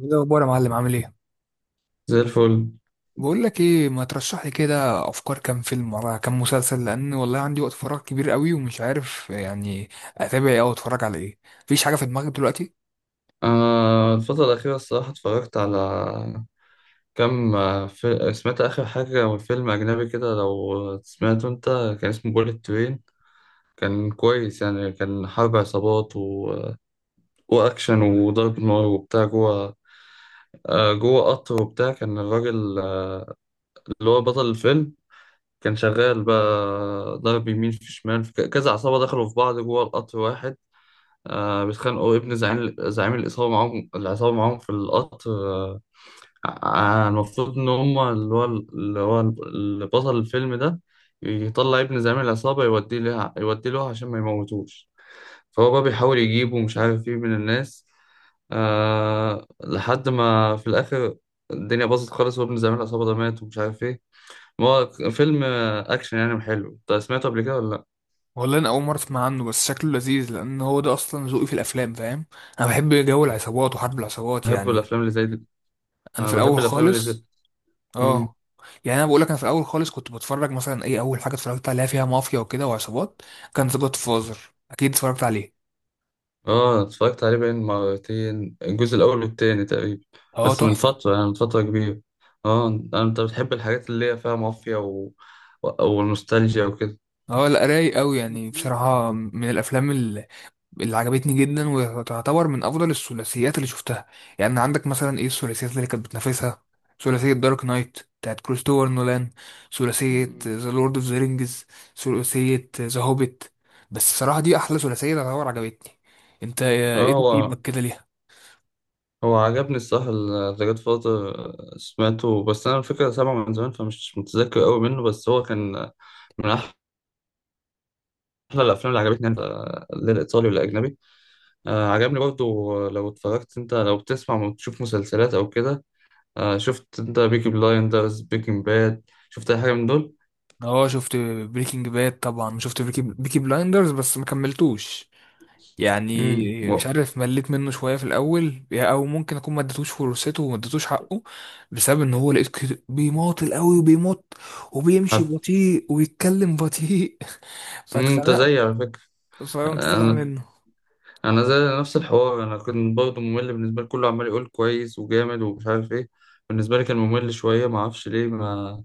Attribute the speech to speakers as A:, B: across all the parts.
A: ايه الاخبار يا معلم، عامل ايه؟
B: زي الفل.
A: بقول لك ايه، ما ترشح لي كده افكار كام فيلم ولا كام مسلسل، لان والله عندي وقت فراغ كبير قوي ومش عارف يعني اتابع ايه او اتفرج على ايه. مفيش حاجه في دماغك دلوقتي؟
B: الفترة الأخيرة الصراحة اتفرجت على كم، سمعت آخر حاجة، فيلم أجنبي كده، لو سمعته أنت. كان اسمه بوليت ترين. كان كويس يعني، كان حرب عصابات وأكشن وضرب نار وبتاع جوه. جوه قطر وبتاع، كان الراجل اللي هو بطل الفيلم كان شغال بقى. ضرب يمين في شمال في كذا عصابة دخلوا في بعض جوه القطر واحد. بيتخانقوا، ابن زعيم العصابة معاهم في القطر المفروض إن هما اللي بطل الفيلم ده يطلع ابن زعيم العصابة، يوديه له عشان ما يموتوش. فهو بقى بيحاول يجيبه، مش عارف ايه، من الناس. لحد ما في الآخر الدنيا باظت خالص، وابن زعيم العصابة ده مات، ومش عارف ايه. ما هو فيلم أكشن يعني، حلو. انت سمعته قبل كده ولا لأ؟
A: والله انا اول مره اسمع عنه، بس شكله لذيذ لان هو ده اصلا ذوقي في الافلام، فاهم؟ انا بحب جو العصابات وحرب العصابات
B: بحب
A: يعني.
B: الأفلام اللي زي دي.
A: انا
B: أنا
A: في
B: بحب
A: الاول
B: الأفلام اللي زي
A: خالص.
B: دي.
A: اه. يعني انا بقول لك، انا في الاول خالص كنت بتفرج مثلا ايه اول حاجه اتفرجت عليها فيها مافيا وكده وعصابات، كان ذا جاد فازر، اكيد اتفرجت عليه.
B: اه اتفرجت عليه بين مرتين، الجزء الاول والتاني تقريبا.
A: اه
B: بس من
A: تحفه.
B: فتره، يعني من فتره كبيره. اه، انت بتحب الحاجات اللي هي فيها مافيا والنوستالجيا وكده.
A: اه لا، رايق قوي يعني. بصراحة من الأفلام اللي عجبتني جدا وتعتبر من أفضل الثلاثيات اللي شفتها. يعني عندك مثلا إيه الثلاثيات اللي كانت بتنافسها؟ ثلاثية دارك نايت بتاعت كريستوفر نولان، ثلاثية
B: مم.
A: ذا لورد أوف ذا رينجز، ثلاثية ذا هوبيت. بس الصراحة دي أحلى ثلاثية تعتبر عجبتني. أنت
B: اه،
A: إيه
B: هو
A: تقييمك كده ليها؟
B: هو عجبني الصح. ذا جاد فاذر. سمعته، بس انا الفكره سامعه من زمان، فمش متذكر قوي منه، بس هو كان من احلى الافلام اللي عجبتني انا، لا الايطالي ولا اجنبي. عجبني برضو. لو اتفرجت انت، لو بتسمع وتشوف مسلسلات او كده، شفت انت بيكي بلايندرز، بيكنج باد؟ شفت اي حاجه من دول؟
A: اه شفت. بريكنج باد طبعا شفت. بيكي بلايندرز بس ما كملتوش
B: امم.
A: يعني. مش عارف، مليت منه شويه في الاول، او ممكن اكون ما اديتوش فرصته وما اديتوش حقه بسبب ان هو لقيت كده بيماطل قوي وبيمط وبيمشي بطيء ويتكلم بطيء.
B: انت
A: فاتخنقت،
B: زيي على فكره.
A: فقمت طالع
B: انا
A: منه.
B: انا زي نفس الحوار، انا كنت برضه ممل بالنسبه لي، كله عمال يقول كويس وجامد ومش عارف ايه. بالنسبه لي كان ممل شويه، ما اعرفش ليه، ما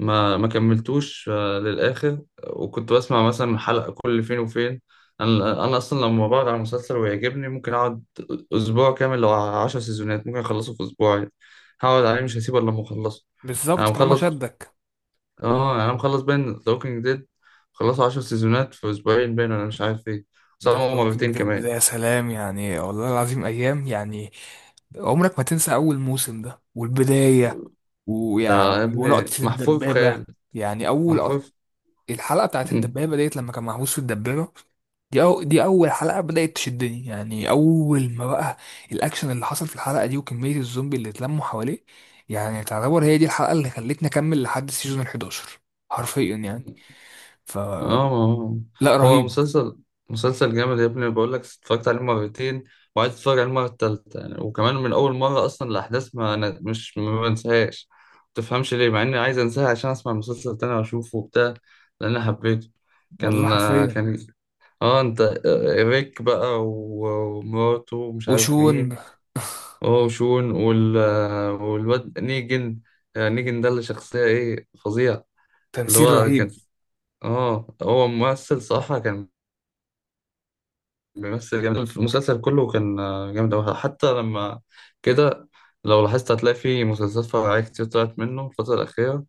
B: ما ما كملتوش للاخر. وكنت بسمع مثلا حلقه كل فين وفين. انا اصلا لما بقعد على مسلسل ويعجبني ممكن اقعد اسبوع كامل، لو 10 سيزونات ممكن اخلصه في اسبوع عادي. هقعد عليه، مش هسيبه الا لما اخلصه.
A: بالظبط،
B: انا
A: طالما
B: مخلص.
A: شدك.
B: اه، انا مخلص باين ذا ووكينج ديد، خلصوا 10 سيزونات في اسبوعين باين، ولا مش عارف ايه.
A: ده
B: صاروا
A: الوكينج
B: مرتين
A: ديد ده
B: كمان.
A: يا سلام، يعني والله العظيم ايام يعني. عمرك ما تنسى اول موسم ده والبدايه،
B: ده يا
A: ويعني
B: ابني
A: ولقطه
B: محفور في
A: الدبابه.
B: خيال.
A: يعني
B: محفور في...
A: الحلقه بتاعت
B: مم.
A: الدبابه ديت لما كان محبوس في الدبابه، دي أو دي أول حلقة بدأت تشدني، يعني أول ما بقى الأكشن اللي حصل في الحلقة دي وكمية الزومبي اللي اتلموا حواليه، يعني تعتبر هي دي الحلقة اللي خلتني أكمل لحد السيزون ال 11، حرفيا يعني. ف
B: اه، آه.
A: لا،
B: هو
A: رهيب.
B: مسلسل جامد يا ابني، بقول لك اتفرجت عليه مرتين، وعايز اتفرج عليه المره التالتة يعني. وكمان من اول مره، اصلا الاحداث، ما أنا مش ما بنساهاش. ما تفهمش ليه، مع اني عايز انساها عشان اسمع المسلسل تاني واشوفه وبتاع، لان أنا حبيته.
A: والله
B: كان
A: حرفيا.
B: كان اه انت، ريك بقى ومراته ومش عارف مين.
A: وشون،
B: هو وشون والواد نيجن. نيجن ده، اللي شخصية ايه فظيع. اللي
A: تمثيل
B: هو كان.
A: رهيب.
B: اه هو ممثل صراحة، كان بيمثل جامد في المسلسل كله، كان جامد أوي، حتى لما كده لو لاحظت هتلاقي في مسلسلات فرعية كتير طلعت منه الفترة الأخيرة.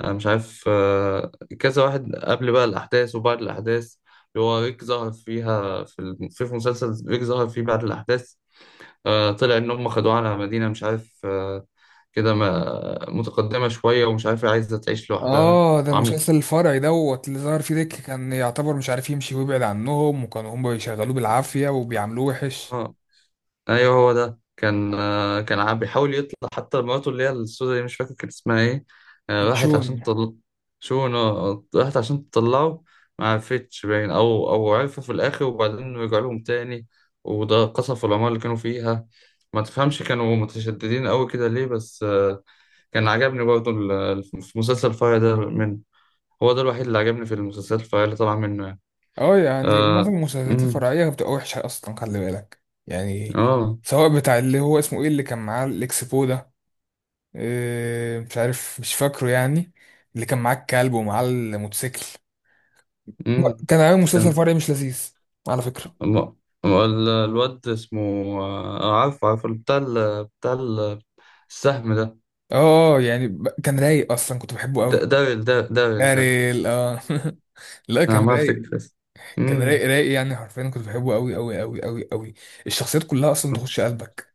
B: انا مش عارف كذا واحد، قبل بقى الاحداث وبعد الاحداث، اللي هو ريك ظهر فيها في في مسلسل، ريك ظهر فيه بعد الاحداث. طلع ان هم خدوه على مدينه مش عارف كده، متقدمه شويه، ومش عارف، عايزه تعيش لوحدها
A: آه ده المسلسل الفرعي دوت اللي ظهر فيه ديك، كان يعتبر مش عارف يمشي ويبعد عنهم، وكانوا هم بيشغلوه بالعافية وبيعملوه وحش.
B: وعامله. ايوه، هو ده كان كان عم بيحاول يطلع، حتى مراته اللي هي السودا دي، مش فاكر كان اسمها ايه. راحت
A: شون.
B: عشان تطل، راحت عشان تطلعه، ما عرفتش باين، او عرفوا في الاخر، وبعدين رجعوا لهم تاني، وده قصفوا العمارة اللي كانوا فيها. ما تفهمش كانوا متشددين قوي كده ليه، بس كان عجبني برضه، في مسلسل الفرع ده، من هو ده الوحيد اللي عجبني في المسلسلات الفرعية اللي طبعا منه يعني.
A: اه، يعني
B: اه.
A: معظم المسلسلات
B: امم.
A: الفرعية بتبقى وحشة أصلا، خلي بالك يعني.
B: اه.
A: سواء بتاع اللي هو اسمه ايه، اللي كان معاه الإكسبو ده، إيه، مش عارف مش فاكره يعني، اللي كان معاه الكلب ومعاه الموتوسيكل، كان عامل مسلسل
B: امم.
A: فرعي مش لذيذ على فكرة.
B: ما- ما ال- الواد اسمه عارفه بتاع السهم ده.
A: اه اه، يعني كان رايق أصلا، كنت بحبه
B: د-
A: أوي.
B: داريل دا- داريل داريل.
A: داريل، اه. لا،
B: انا
A: كان
B: ما
A: رايق.
B: افتكر اسمه.
A: كان
B: أمم،
A: رايق رايق يعني، حرفيا كنت بحبه أوي أوي أوي أوي أوي. الشخصيات كلها أصلا تخش قلبك.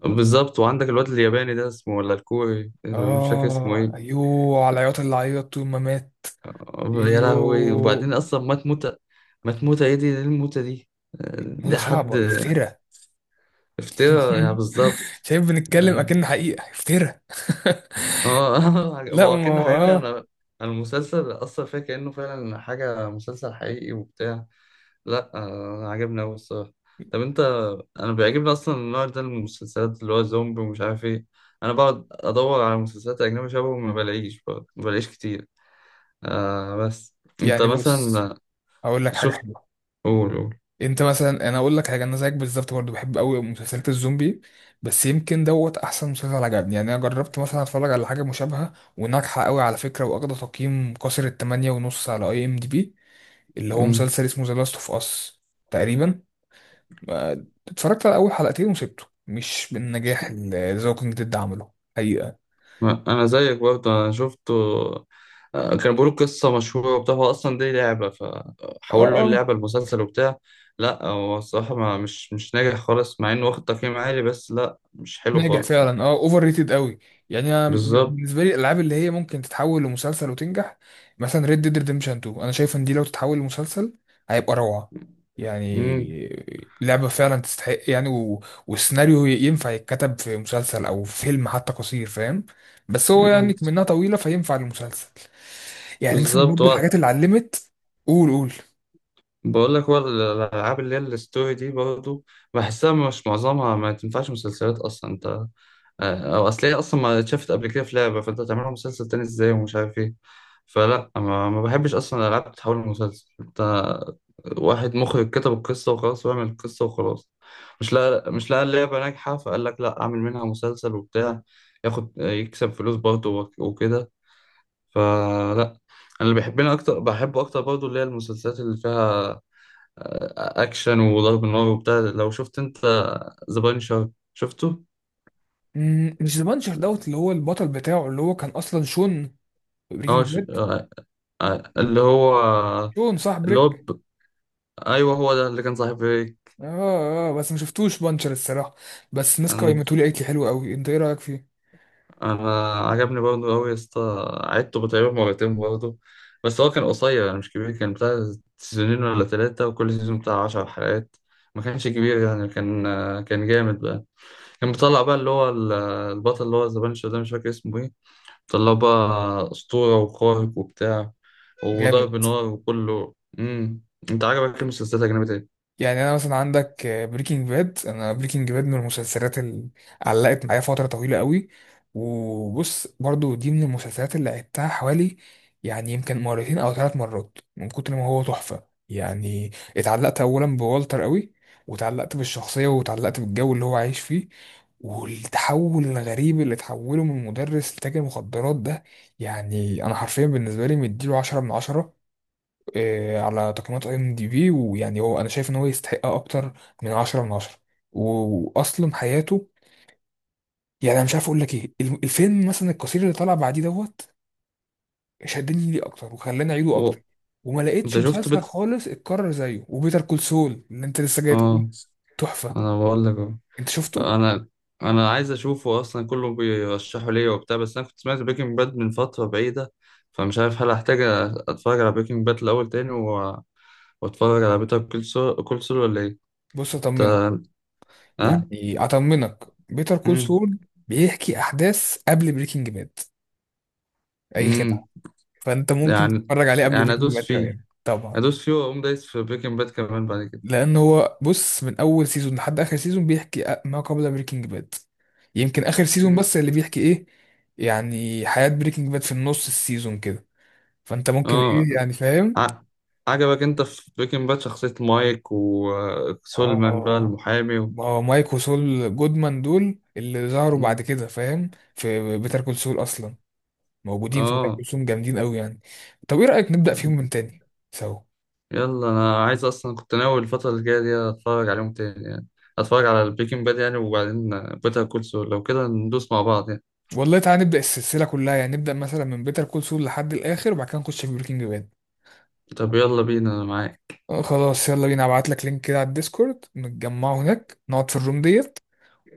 B: بالظبط، وعندك الواد الياباني ده اسمه ولا الكوري، اللي مش فاكر اسمه
A: اه
B: ايه.
A: ايوه، على العياط اللي عيط طول ما مات.
B: يا لهوي، وبعدين
A: ايوه.
B: اصلا مات موتة. مات موتة ايه دي، ايه الموتة دي؟
A: موضة
B: ده حد
A: صعبة، افترا.
B: افترا يعني، بالظبط.
A: شايف، بنتكلم
B: يعني
A: اكن حقيقة، افترا.
B: اه ما
A: لا
B: هو
A: ما
B: كأنه
A: هو
B: حاجة انا.
A: اه
B: أنا المسلسل اصلا فيها كأنه فعلا حاجة، مسلسل حقيقي وبتاع. لا عجبني أوي الصراحة. طب أنت. أنا بيعجبني أصلا النوع ده من المسلسلات اللي هو زومبي ومش عارف إيه. أنا بقعد أدور على مسلسلات أجنبي شبهه، ما بلاقيش برضه، ما بلاقيش كتير. بس. أنت
A: يعني. بص
B: مثلا
A: هقول لك حاجة
B: شفت؟
A: حلوة.
B: قول، قول.
A: انت مثلا، انا اقول لك حاجة، انا زيك بالظبط برضه بحب قوي مسلسلات الزومبي. بس يمكن دوت احسن مسلسل عجبني يعني. انا جربت مثلا اتفرج على حاجة مشابهة وناجحة قوي على فكرة، واخدة تقييم كسر التمانية ونص على اي ام دي بي، اللي هو
B: مم.
A: مسلسل اسمه ذا لاست اوف اس تقريبا. اتفرجت على اول حلقتين وسبته، مش بالنجاح اللي ذا ووكينج ديد عمله حقيقه.
B: أنا زيك برضه، أنا شفته. كانوا بيقولوا قصة مشهورة وبتاع، هو أصلا دي لعبة،
A: اه
B: فحولوا
A: اه.
B: اللعبة لمسلسل وبتاع. لا هو الصراحة، ما مش مش ناجح خالص، مع إنه واخد تقييم عالي، بس لا، مش حلو
A: ناجح
B: خالص يعني.
A: فعلا، اه، اوفر ريتد قوي. يعني انا
B: بالظبط.
A: بالنسبه لي الالعاب اللي هي ممكن تتحول لمسلسل وتنجح، مثلا ريد ديد ريدمشن 2، انا شايف ان دي لو تتحول لمسلسل هيبقى روعه.
B: مم.
A: يعني لعبه فعلا تستحق يعني، و... والسيناريو ينفع يتكتب في مسلسل او في فيلم حتى قصير، فاهم؟ بس هو
B: مم.
A: يعني منها طويله، فينفع للمسلسل. يعني مثلا
B: بالظبط،
A: برضه
B: هو
A: الحاجات اللي علمت. قول قول.
B: بقول لك، هو الالعاب اللي هي الستوري دي برضه، بحسها مش معظمها، ما تنفعش مسلسلات اصلا انت. او اصل هي اصلا ما اتشافت قبل كده في لعبه، فانت هتعملها مسلسل تاني ازاي ومش عارف ايه. فلا، ما بحبش اصلا الالعاب تتحول لمسلسل انت. واحد مخرج كتب القصه وخلاص، وعمل القصه وخلاص، مش، لا، مش لقى اللعبه ناجحه فقال لك لا اعمل منها مسلسل وبتاع، ياخد يكسب فلوس برضه وكده. فلا. انا اللي بحبني اكتر، بحبه اكتر برضه، اللي هي المسلسلات اللي فيها اكشن وضرب نار وبتاع. لو شفت انت، ذا بانشر شفته؟
A: مم، مش ذا بانشر دوت اللي هو البطل بتاعه اللي هو كان اصلا شون في
B: اه
A: بريكنج
B: ش...
A: باد.
B: آه، آه، اللي هو،
A: شون صح،
B: اللي هو
A: بريك.
B: ب... ايوه هو ده اللي كان صاحب ريك.
A: اه اه، بس ما شفتوش بانشر الصراحه. بس الناس
B: انا
A: قيمته لي، قالت لي حلو قوي، انت ايه رايك فيه؟
B: أنا عجبني برضه قوي يا اسطى، عدته تقريبا مرتين برضه، بس هو كان قصير يعني، مش كبير، كان بتاع سنين ولا ثلاثة، وكل سيزون بتاع عشر حلقات، ما كانش كبير يعني، كان كان جامد بقى. كان بيطلع بقى البطل اللي هو زبانشو ده، مش فاكر اسمه ايه، طلع بقى أسطورة وخارق وبتاع
A: جامد.
B: وضرب نار وكله. انت عجبك إيه المسلسلات الأجنبية ايه؟
A: يعني انا مثلا عندك بريكنج باد، انا بريكنج باد من المسلسلات اللي علقت معايا فتره طويله قوي، وبص برضو دي من المسلسلات اللي عدتها حوالي يعني يمكن مرتين او ثلاث مرات من كتر ما هو تحفه يعني. اتعلقت اولا بوالتر قوي، وتعلقت بالشخصيه وتعلقت بالجو اللي هو عايش فيه، والتحول الغريب اللي تحوله من مدرس لتاجر مخدرات ده، يعني انا حرفيا بالنسبه لي مديله 10 من 10، على تقييمات اي ام دي بي. ويعني هو انا شايف ان هو يستحق اكتر من 10 من 10. واصلا حياته، يعني انا مش عارف اقول لك ايه، الفيلم مثلا القصير اللي طلع بعديه دوت، شدني ليه اكتر وخلاني اعيده
B: و...
A: اكتر. وما لقيتش
B: انت شفت
A: مسلسل خالص اتكرر زيه. وبيتر كول سول اللي انت لسه جاي تقول.
B: اه،
A: تحفة.
B: انا بقول لك اهو.
A: انت شفته؟
B: انا انا عايز اشوفه اصلا، كله بيرشحه ليا وبتاع، بس انا كنت سمعت بريكنج باد من فترة بعيدة، فمش عارف هل هحتاج اتفرج على بريكنج باد الاول تاني واتفرج على بيتر كول سول ولا ايه؟
A: بص اطمنك،
B: انت- ها؟
A: يعني اطمنك، بيتر كول سول بيحكي احداث قبل بريكنج باد، اي
B: امم.
A: خدعة. فانت ممكن
B: يعني
A: تتفرج عليه قبل
B: يعني
A: بريكنج باد كمان طبعا.
B: ادوس فيه واقوم دايس في بريكنج باد كمان بعد كده.
A: لان هو بص، من اول سيزون لحد اخر سيزون بيحكي ما قبل بريكنج باد، يمكن اخر سيزون
B: مم.
A: بس اللي بيحكي ايه يعني حياة بريكنج باد في النص السيزون كده، فانت ممكن
B: اه.
A: ايه يعني، فاهم؟
B: ع- عجبك انت في بريكنج باد شخصية مايك وسولمان بقى
A: اه.
B: المحامي
A: ما مايك وسول جودمان دول اللي ظهروا بعد
B: مم.
A: كده، فاهم؟ في بيتر
B: مم.
A: كول سول اصلا، موجودين في بيتر
B: اه.
A: كول سول جامدين قوي يعني. طب ايه رأيك نبدأ
B: طب
A: فيهم من تاني سوا؟
B: يلا، انا عايز، اصلا كنت ناوي الفترة الجاية دي اتفرج عليهم تاني يعني، اتفرج على البريكنج باد يعني، وبعدين بيتر كول سول، لو كده ندوس مع بعض يعني.
A: والله تعالى نبدأ السلسلة كلها، يعني نبدأ مثلا من بيتر كول سول لحد الآخر وبعد كده نخش في بريكنج باد.
B: طب يلا بينا، انا معاك.
A: خلاص، يلا بينا، ابعت لك لينك كده على الديسكورد، نتجمعوا هناك، نقعد في الروم ديت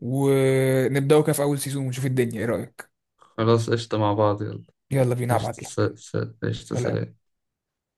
A: ونبداوا كده في اول سيزون ونشوف الدنيا، ايه رأيك؟
B: خلاص، قشطة، مع بعض، يلا.
A: يلا بينا،
B: قشطة،
A: ابعت لك.
B: قشطة،
A: سلام.
B: سلام.